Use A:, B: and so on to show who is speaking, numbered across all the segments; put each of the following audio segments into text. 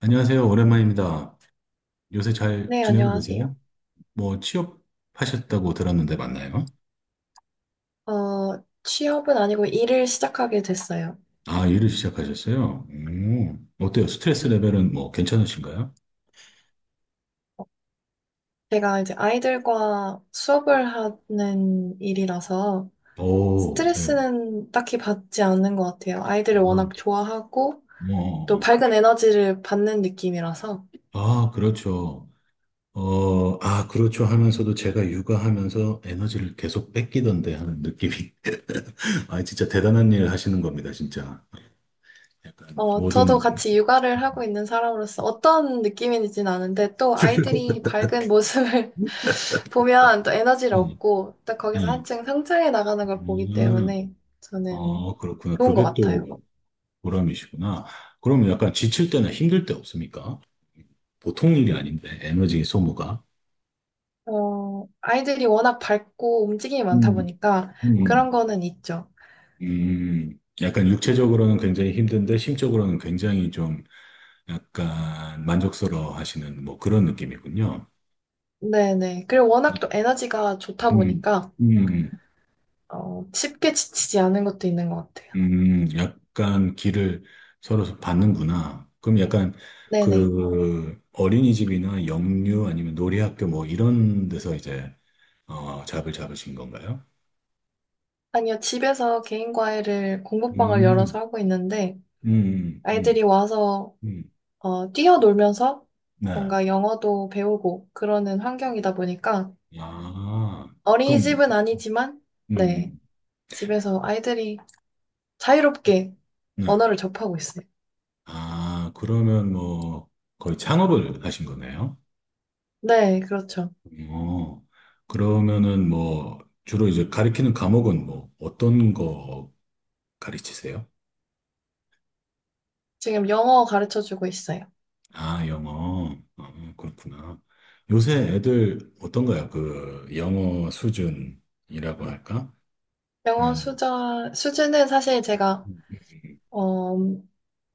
A: 안녕하세요. 오랜만입니다. 요새 잘
B: 네,
A: 지내고 계세요?
B: 안녕하세요.
A: 뭐 취업하셨다고 들었는데 맞나요?
B: 취업은 아니고 일을 시작하게 됐어요.
A: 아, 일을 시작하셨어요? 어때요? 스트레스 레벨은 뭐 괜찮으신가요?
B: 제가 이제 아이들과 수업을 하는 일이라서
A: 오, 예.
B: 스트레스는 딱히 받지 않는 것 같아요. 아이들을
A: 아,
B: 워낙 좋아하고 또
A: 뭐,
B: 밝은 에너지를 받는 느낌이라서
A: 아, 그렇죠. 그렇죠 하면서도 제가 육아하면서 에너지를 계속 뺏기던데 하는 느낌이. 아, 진짜 대단한 일 하시는 겁니다, 진짜. 약간
B: 저도
A: 모든,
B: 같이 육아를 하고 있는 사람으로서 어떤 느낌인지는 아는데 또 아이들이 밝은 모습을 보면 또 에너지를
A: 음,
B: 얻고 또 거기서
A: 음,
B: 한층 성장해 나가는 걸 보기
A: 음,
B: 때문에 저는
A: 그렇구나.
B: 좋은 것
A: 그게
B: 같아요.
A: 또 보람이시구나. 그럼 약간 지칠 때나 힘들 때 없습니까? 보통 일이 아닌데, 에너지 소모가.
B: 아이들이 워낙 밝고 움직임이 많다
A: 음,
B: 보니까
A: 음,
B: 그런 거는 있죠.
A: 약간 육체적으로는 굉장히 힘든데, 심적으로는 굉장히 좀 약간 만족스러워 하시는 뭐 그런 느낌이군요.
B: 네네. 그리고 워낙 또 에너지가 좋다
A: 음,
B: 보니까
A: 음,
B: 쉽게 지치지 않은 것도 있는 것 같아요.
A: 약간 길을 서로 받는구나. 그럼 약간
B: 네네.
A: 그 어린이집이나 영유 아니면 놀이학교 뭐 이런 데서 이제 어, 잡을 잡으신 건가요?
B: 아니요, 집에서 개인 과외를 공부방을
A: 음,
B: 열어서 하고 있는데
A: 음, 음,
B: 아이들이 와서
A: 음,
B: 뛰어놀면서
A: 네.
B: 뭔가 영어도 배우고 그러는 환경이다 보니까
A: 아, 그럼,
B: 어린이집은 아니지만 네,
A: 음,
B: 집에서 아이들이 자유롭게
A: 네.
B: 언어를 접하고 있어요.
A: 아, 그러면 뭐, 거의 창업을 하신 거네요?
B: 네, 그렇죠.
A: 어, 그러면은 뭐, 주로 이제 가르키는 과목은 뭐, 어떤 거 가르치세요?
B: 지금 영어 가르쳐 주고 있어요.
A: 아, 영어. 그렇구나. 요새 애들 어떤가요? 그, 영어 수준이라고 할까? 한,
B: 수준은 사실 제가,
A: 음,
B: 어,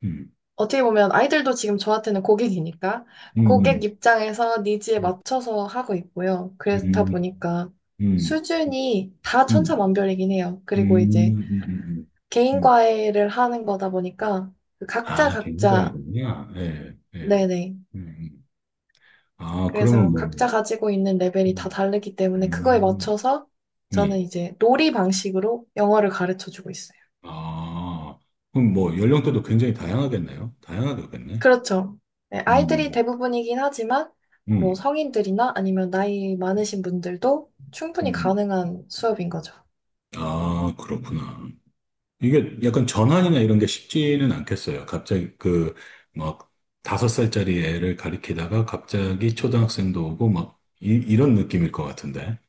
A: 음,
B: 어떻게 보면 아이들도 지금 저한테는 고객이니까
A: 음,
B: 고객 입장에서 니즈에
A: 음,
B: 맞춰서 하고 있고요. 그렇다 보니까
A: 음.
B: 수준이 다
A: 음.
B: 천차만별이긴 해요.
A: 음,
B: 그리고 이제
A: 음, 음, 음.
B: 개인
A: 음.
B: 과외를 하는 거다 보니까 그
A: 아,
B: 각자
A: 갱자
B: 각자,
A: 군요 예, 예. 음.
B: 네네.
A: 음. 아, 그러면
B: 그래서
A: 뭐,
B: 각자 가지고 있는 레벨이 다
A: 음,
B: 다르기 때문에 그거에
A: 음,
B: 맞춰서 저는
A: 음.
B: 이제 놀이 방식으로 영어를 가르쳐 주고 있어요.
A: 아, 그럼 뭐, 연령대도 굉장히 다양하겠네요. 다양하겠네.
B: 그렇죠. 네, 아이들이
A: 음,
B: 대부분이긴 하지만, 뭐
A: 음,
B: 성인들이나 아니면 나이 많으신 분들도 충분히
A: 음.
B: 가능한 수업인 거죠.
A: 아, 그렇구나. 이게 약간 전환이나 이런 게 쉽지는 않겠어요. 갑자기 그, 막, 5살짜리 애를 가리키다가 갑자기 초등학생도 오고, 막, 이런 느낌일 것 같은데.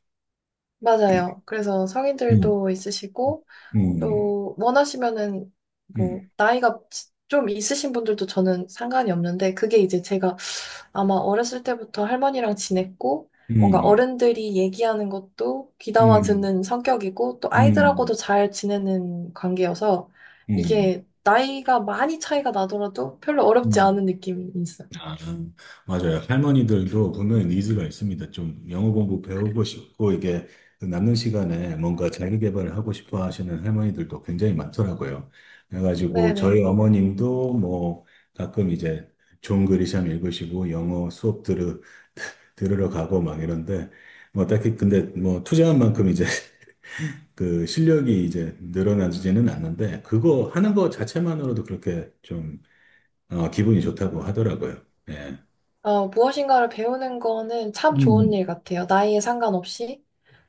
B: 맞아요. 그래서
A: 음,
B: 성인들도 있으시고,
A: 음,
B: 또 원하시면은,
A: 음.
B: 뭐, 나이가 지- 좀 있으신 분들도 저는 상관이 없는데, 그게 이제 제가 아마 어렸을 때부터 할머니랑 지냈고, 뭔가
A: 음,
B: 어른들이 얘기하는 것도 귀담아
A: 음,
B: 듣는 성격이고, 또 아이들하고도
A: 음,
B: 잘 지내는 관계여서,
A: 음,
B: 이게 나이가 많이 차이가 나더라도 별로 어렵지
A: 음.
B: 않은 느낌이 있어요.
A: 아, 맞아요. 할머니들도 분명히 니즈가 있습니다. 좀 영어 공부 배우고 싶고, 이게 남는 시간에 뭔가 자기 개발을 하고 싶어 하시는 할머니들도 굉장히 많더라고요. 그래가지고 저희
B: 네네.
A: 어머님도 뭐 가끔 이제 존 그리샴 읽으시고 영어 수업 들으러 가고 막 이런데, 뭐 딱히 근데 뭐 투자한 만큼 이제 그 실력이 이제 늘어나지는 않는데 그거 하는 거 자체만으로도 그렇게 좀 기분이 좋다고 하더라고요. 예.
B: 무엇인가를 배우는 거는 참 좋은
A: 음.
B: 일 같아요. 나이에 상관없이.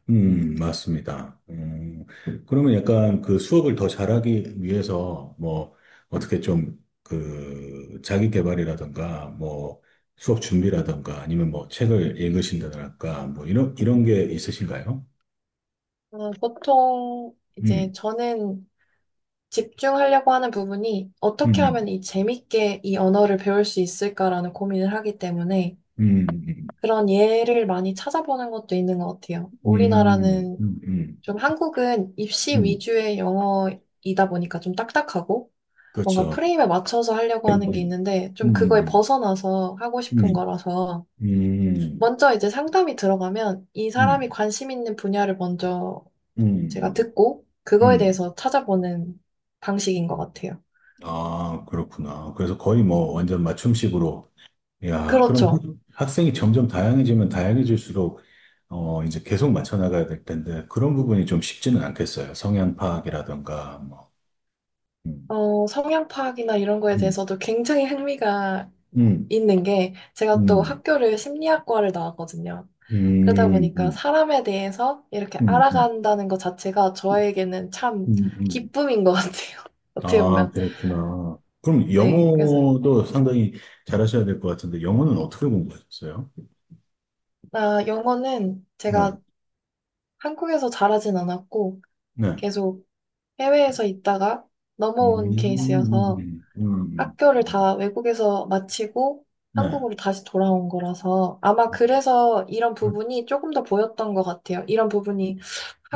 A: 맞습니다. 그러면 약간 그 수업을 더 잘하기 위해서 뭐 어떻게 좀 그 자기 개발이라든가 뭐 수업 준비라든가 아니면 뭐 책을 읽으신다랄까 뭐 이런 게 있으신가요?
B: 보통 이제
A: 음,
B: 저는 집중하려고 하는 부분이 어떻게
A: 음,
B: 하면 이 재밌게 이 언어를 배울 수 있을까라는 고민을 하기 때문에,
A: 음, 음,
B: 그런 예를 많이 찾아보는 것도 있는 것 같아요.
A: 음, 음,
B: 우리나라는
A: 음, 음,
B: 좀 한국은 입시
A: 음.
B: 위주의 영어이다 보니까 좀 딱딱하고 뭔가
A: 그렇죠.
B: 프레임에 맞춰서 하려고 하는
A: 아이고,
B: 게
A: 아이고.
B: 있는데 좀
A: 음,
B: 그거에
A: 음,
B: 벗어나서 하고 싶은
A: 음,
B: 거라서
A: 음,
B: 먼저 이제 상담이 들어가면 이
A: 음,
B: 사람이 관심 있는 분야를 먼저 제가
A: 음.
B: 듣고 그거에
A: 음.
B: 대해서 찾아보는 방식인 것 같아요.
A: 아, 그렇구나. 그래서 거의 뭐 완전 맞춤식으로. 야, 그럼
B: 그렇죠.
A: 학생이 점점 다양해지면 다양해질수록 이제 계속 맞춰 나가야 될 텐데 그런 부분이 좀 쉽지는 않겠어요. 성향 파악이라든가 뭐. 음,
B: 성향 파악이나 이런 거에
A: 음,
B: 대해서도 굉장히 흥미가
A: 음,
B: 있는 게 제가 또
A: 음,
B: 학교를 심리학과를 나왔거든요. 그러다
A: 음,
B: 보니까
A: 음,
B: 사람에 대해서 이렇게
A: 음, 음, 음,
B: 알아간다는 것 자체가 저에게는 참
A: 음, 음, 음.
B: 기쁨인 것 같아요. 어떻게
A: 아,
B: 보면.
A: 그렇구나. 그럼
B: 네. 그래서,
A: 영어도 상당히 잘하셔야 될 것 같은데, 영어는 어떻게 공부하셨어요?
B: 아, 영어는
A: 네,
B: 제가 한국에서 잘하진 않았고
A: 네.
B: 계속 해외에서 있다가
A: 음,
B: 넘어온 케이스여서
A: 음, 음,
B: 학교를
A: 음,
B: 다 외국에서 마치고
A: 네.
B: 한국으로 다시 돌아온 거라서 아마
A: 음,
B: 그래서 이런 부분이 조금 더 보였던 것 같아요. 이런 부분이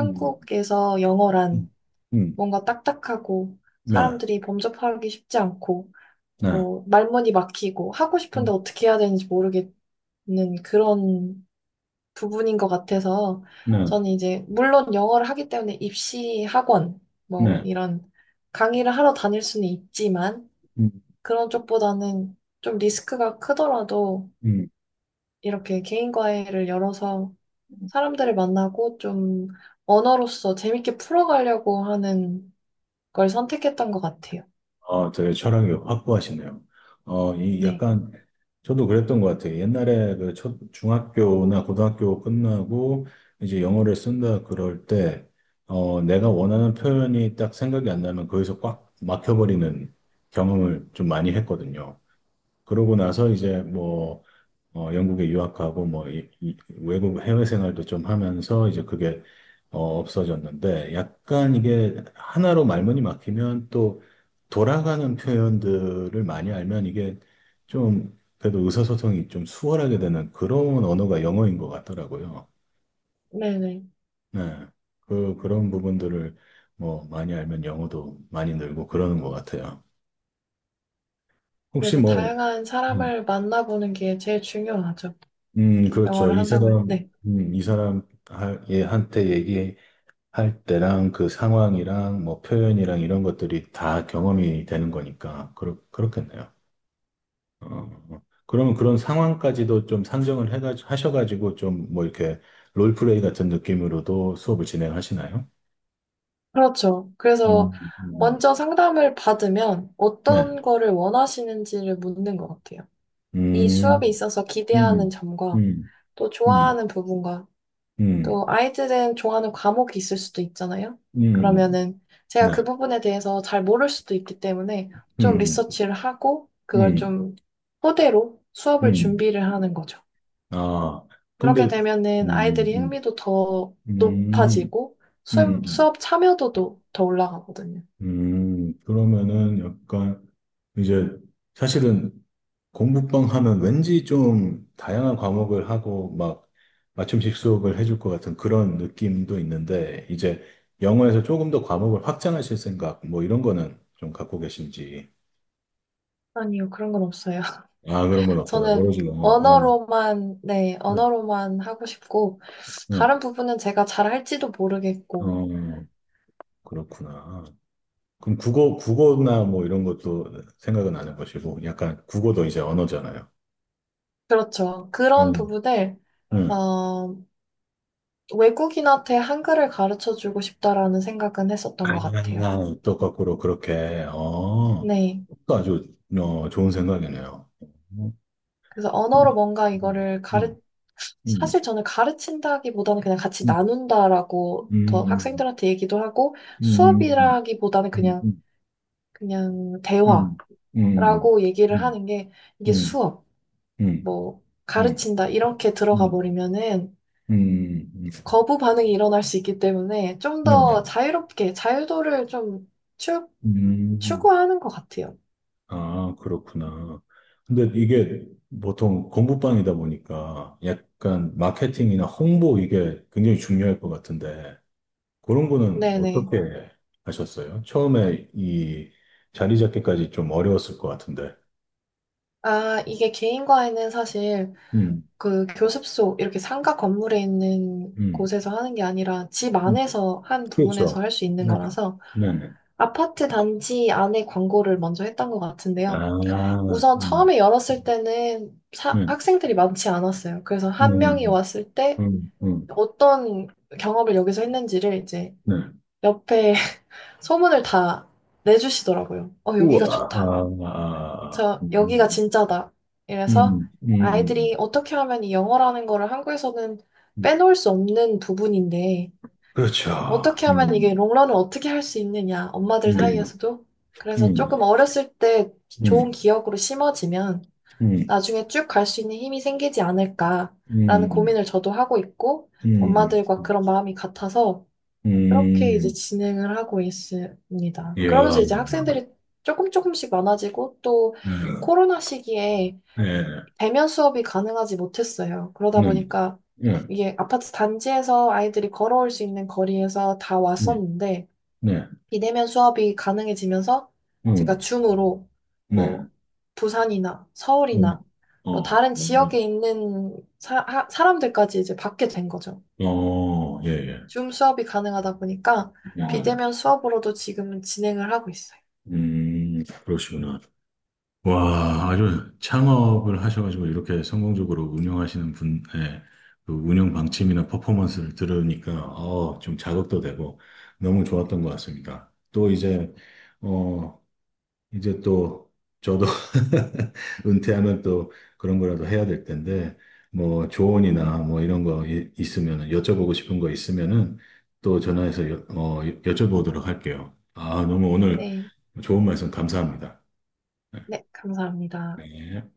A: 음,
B: 영어란
A: 음, 음,
B: 뭔가 딱딱하고
A: 네,
B: 사람들이 범접하기 쉽지 않고
A: 네,
B: 뭐 말문이 막히고 하고
A: 음,
B: 싶은데 어떻게 해야 되는지 모르겠는 그런 부분인 것 같아서
A: 네,
B: 저는 이제 물론 영어를 하기 때문에 입시 학원 뭐
A: 네,
B: 이런 강의를 하러 다닐 수는 있지만
A: 음,
B: 그런 쪽보다는 좀 리스크가 크더라도
A: 음,
B: 이렇게 개인 과외를 열어서 사람들을 만나고 좀 언어로서 재밌게 풀어가려고 하는 걸 선택했던 것 같아요.
A: 되게 철학이 확고하시네요. 어, 이
B: 네.
A: 약간, 저도 그랬던 것 같아요. 옛날에 그 중학교나 고등학교 끝나고 이제 영어를 쓴다 그럴 때, 내가 원하는 표현이 딱 생각이 안 나면 거기서 꽉 막혀버리는 경험을 좀 많이 했거든요. 그러고 나서 이제 뭐, 영국에 유학하고 뭐 이 외국 해외 생활도 좀 하면서 이제 그게 없어졌는데, 약간 이게 하나로 말문이 막히면 또 돌아가는 표현들을 많이 알면 이게 좀 그래도 의사소통이 좀 수월하게 되는 그런 언어가 영어인 것 같더라고요.
B: 네네.
A: 네. 그런 부분들을 뭐 많이 알면 영어도 많이 늘고 그러는 것 같아요. 혹시
B: 그래서
A: 뭐,
B: 다양한
A: 음,
B: 사람을 만나보는 게 제일 중요하죠.
A: 그렇죠.
B: 영어를
A: 이
B: 한다고.
A: 사람,
B: 네.
A: 얘한테 얘기 할 때랑 그 상황이랑 뭐 표현이랑 이런 것들이 다 경험이 되는 거니까 그렇겠네요. 그러면 그런 상황까지도 좀 상정을 해가 하셔가지고 좀 뭐 이렇게 롤플레이 같은 느낌으로도 수업을 진행하시나요?
B: 그렇죠. 그래서
A: 음, 음.
B: 먼저 상담을 받으면
A: 네.
B: 어떤 거를 원하시는지를 묻는 것 같아요. 이 수업에
A: 음,
B: 있어서 기대하는
A: 음,
B: 점과
A: 음,
B: 또
A: 음,
B: 좋아하는 부분과
A: 음,
B: 또 아이들은 좋아하는 과목이 있을 수도 있잖아요.
A: 음,
B: 그러면은 제가 그
A: 네.
B: 부분에 대해서 잘 모를 수도 있기 때문에 좀
A: 음,
B: 리서치를 하고 그걸
A: 음,
B: 좀 토대로 수업을
A: 음.
B: 준비를 하는 거죠.
A: 아,
B: 그렇게
A: 근데,
B: 되면은
A: 음,
B: 아이들이
A: 음,
B: 흥미도 더
A: 음,
B: 높아지고
A: 음.
B: 수업 참여도도 더 올라가거든요.
A: 그러면은 약간 이제 사실은 공부방 하면 왠지 좀 다양한 과목을 하고 막 맞춤식 수업을 해줄 것 같은 그런 느낌도 있는데 이제 영어에서 조금 더 과목을 확장하실 생각 뭐 이런 거는 좀 갖고 계신지.
B: 아니요, 그런 건 없어요.
A: 아, 그런 건 없어요.
B: 저는
A: 오로지 영어. 어,
B: 언어로만, 네,
A: 응,
B: 언어로만 하고 싶고,
A: 응.
B: 다른 부분은 제가 잘 할지도 모르겠고,
A: 어, 그렇구나. 그럼 국어나 뭐 이런 것도 생각은 안 해보시고 약간 국어도 이제 언어잖아요.
B: 그렇죠. 그런
A: 응,
B: 부분을 어,
A: 응.
B: 외국인한테 한글을 가르쳐 주고 싶다라는 생각은
A: 아,
B: 했었던 것 같아요.
A: 또 거꾸로 그렇게, 어,
B: 네.
A: 또 아주, 좋은 생각이네요. 음,
B: 그래서 언어로 뭔가
A: 음, 음,
B: 사실 저는 가르친다기보다는 그냥 같이
A: 음,
B: 나눈다라고 더
A: 음,
B: 학생들한테 얘기도 하고
A: 음, 음,
B: 수업이라기보다는
A: 음,
B: 그냥,
A: 음,
B: 그냥
A: 음, 음, 음, 음,
B: 대화라고 얘기를 하는 게 이게
A: 음,
B: 수업, 뭐, 가르친다 이렇게 들어가
A: 음,
B: 버리면은
A: 음,
B: 거부 반응이 일어날 수 있기 때문에 좀
A: 네, 네.
B: 더 자유롭게 자유도를 좀 추,
A: 음,
B: 추구하는 것 같아요.
A: 아, 그렇구나. 근데 이게 보통 공부방이다 보니까 약간 마케팅이나 홍보 이게 굉장히 중요할 것 같은데, 그런 거는
B: 네네.
A: 어떻게 하셨어요? 처음에 이 자리 잡기까지 좀 어려웠을 것 같은데.
B: 아, 이게 개인과에는 사실
A: 음,
B: 그 교습소 이렇게 상가 건물에 있는
A: 음,
B: 곳에서 하는 게 아니라 집
A: 음.
B: 안에서 한 부분에서
A: 그렇죠.
B: 할 수 있는
A: 네,
B: 거라서
A: 네, 네.
B: 아파트 단지 안에 광고를 먼저 했던 것
A: 아,
B: 같은데요. 우선
A: 음,
B: 처음에 열었을 때는
A: 네,
B: 학생들이 많지 않았어요. 그래서 한 명이
A: 음,
B: 왔을 때
A: 음, 음.
B: 어떤 경험을 여기서 했는지를 이제
A: 네.
B: 옆에 소문을 다 내주시더라고요. 어,
A: 우와,
B: 여기가 좋다.
A: 아, 아,
B: 저, 여기가 진짜다. 이래서
A: 음, 음, 음.
B: 아이들이 어떻게 하면 이 영어라는 거를 한국에서는
A: 음.
B: 빼놓을 수 없는 부분인데,
A: 그렇죠.
B: 어떻게 하면 이게
A: 음,
B: 롱런을 어떻게 할 수 있느냐, 엄마들
A: 음, 음,
B: 사이에서도. 그래서
A: 음,
B: 조금 어렸을 때 좋은
A: 음,
B: 기억으로 심어지면
A: 음,
B: 나중에 쭉 갈 수 있는 힘이 생기지 않을까라는
A: 음,
B: 고민을 저도 하고 있고,
A: 음,
B: 엄마들과 그런 마음이 같아서 그렇게 이제
A: 음.
B: 진행을 하고 있습니다.
A: 이야,
B: 그러면서 이제 학생들이 조금 조금씩 많아지고 또
A: 네,
B: 코로나 시기에
A: 네.
B: 대면 수업이 가능하지 못했어요. 그러다
A: 네.
B: 보니까
A: 네.
B: 이게 아파트 단지에서 아이들이 걸어올 수 있는 거리에서 다
A: 네.
B: 왔었는데
A: 네.
B: 비대면 수업이 가능해지면서 제가
A: 음.
B: 줌으로
A: 네.
B: 뭐 부산이나
A: 음.
B: 서울이나
A: 어.
B: 뭐 다른
A: 어.
B: 지역에 있는 사람들까지 이제 받게 된 거죠.
A: 어, 예, 예.
B: 줌 수업이 가능하다 보니까
A: 네네.
B: 비대면 수업으로도 지금은 진행을 하고 있어요.
A: 그러시구나. 와, 아주 창업을 하셔가지고 이렇게 성공적으로 운영하시는 분의 그 운영 방침이나 퍼포먼스를 들으니까, 좀 자극도 되고 너무 좋았던 것 같습니다. 또 이제, 어, 이제 또 저도 은퇴하면 또 그런 거라도 해야 될 텐데 뭐 조언이나 뭐 이런 거 있으면 여쭤보고 싶은 거 있으면은 또 전화해서 여쭤보도록 할게요. 아, 너무 오늘
B: 네,
A: 좋은 말씀 감사합니다.
B: 네, 감사합니다.
A: 네.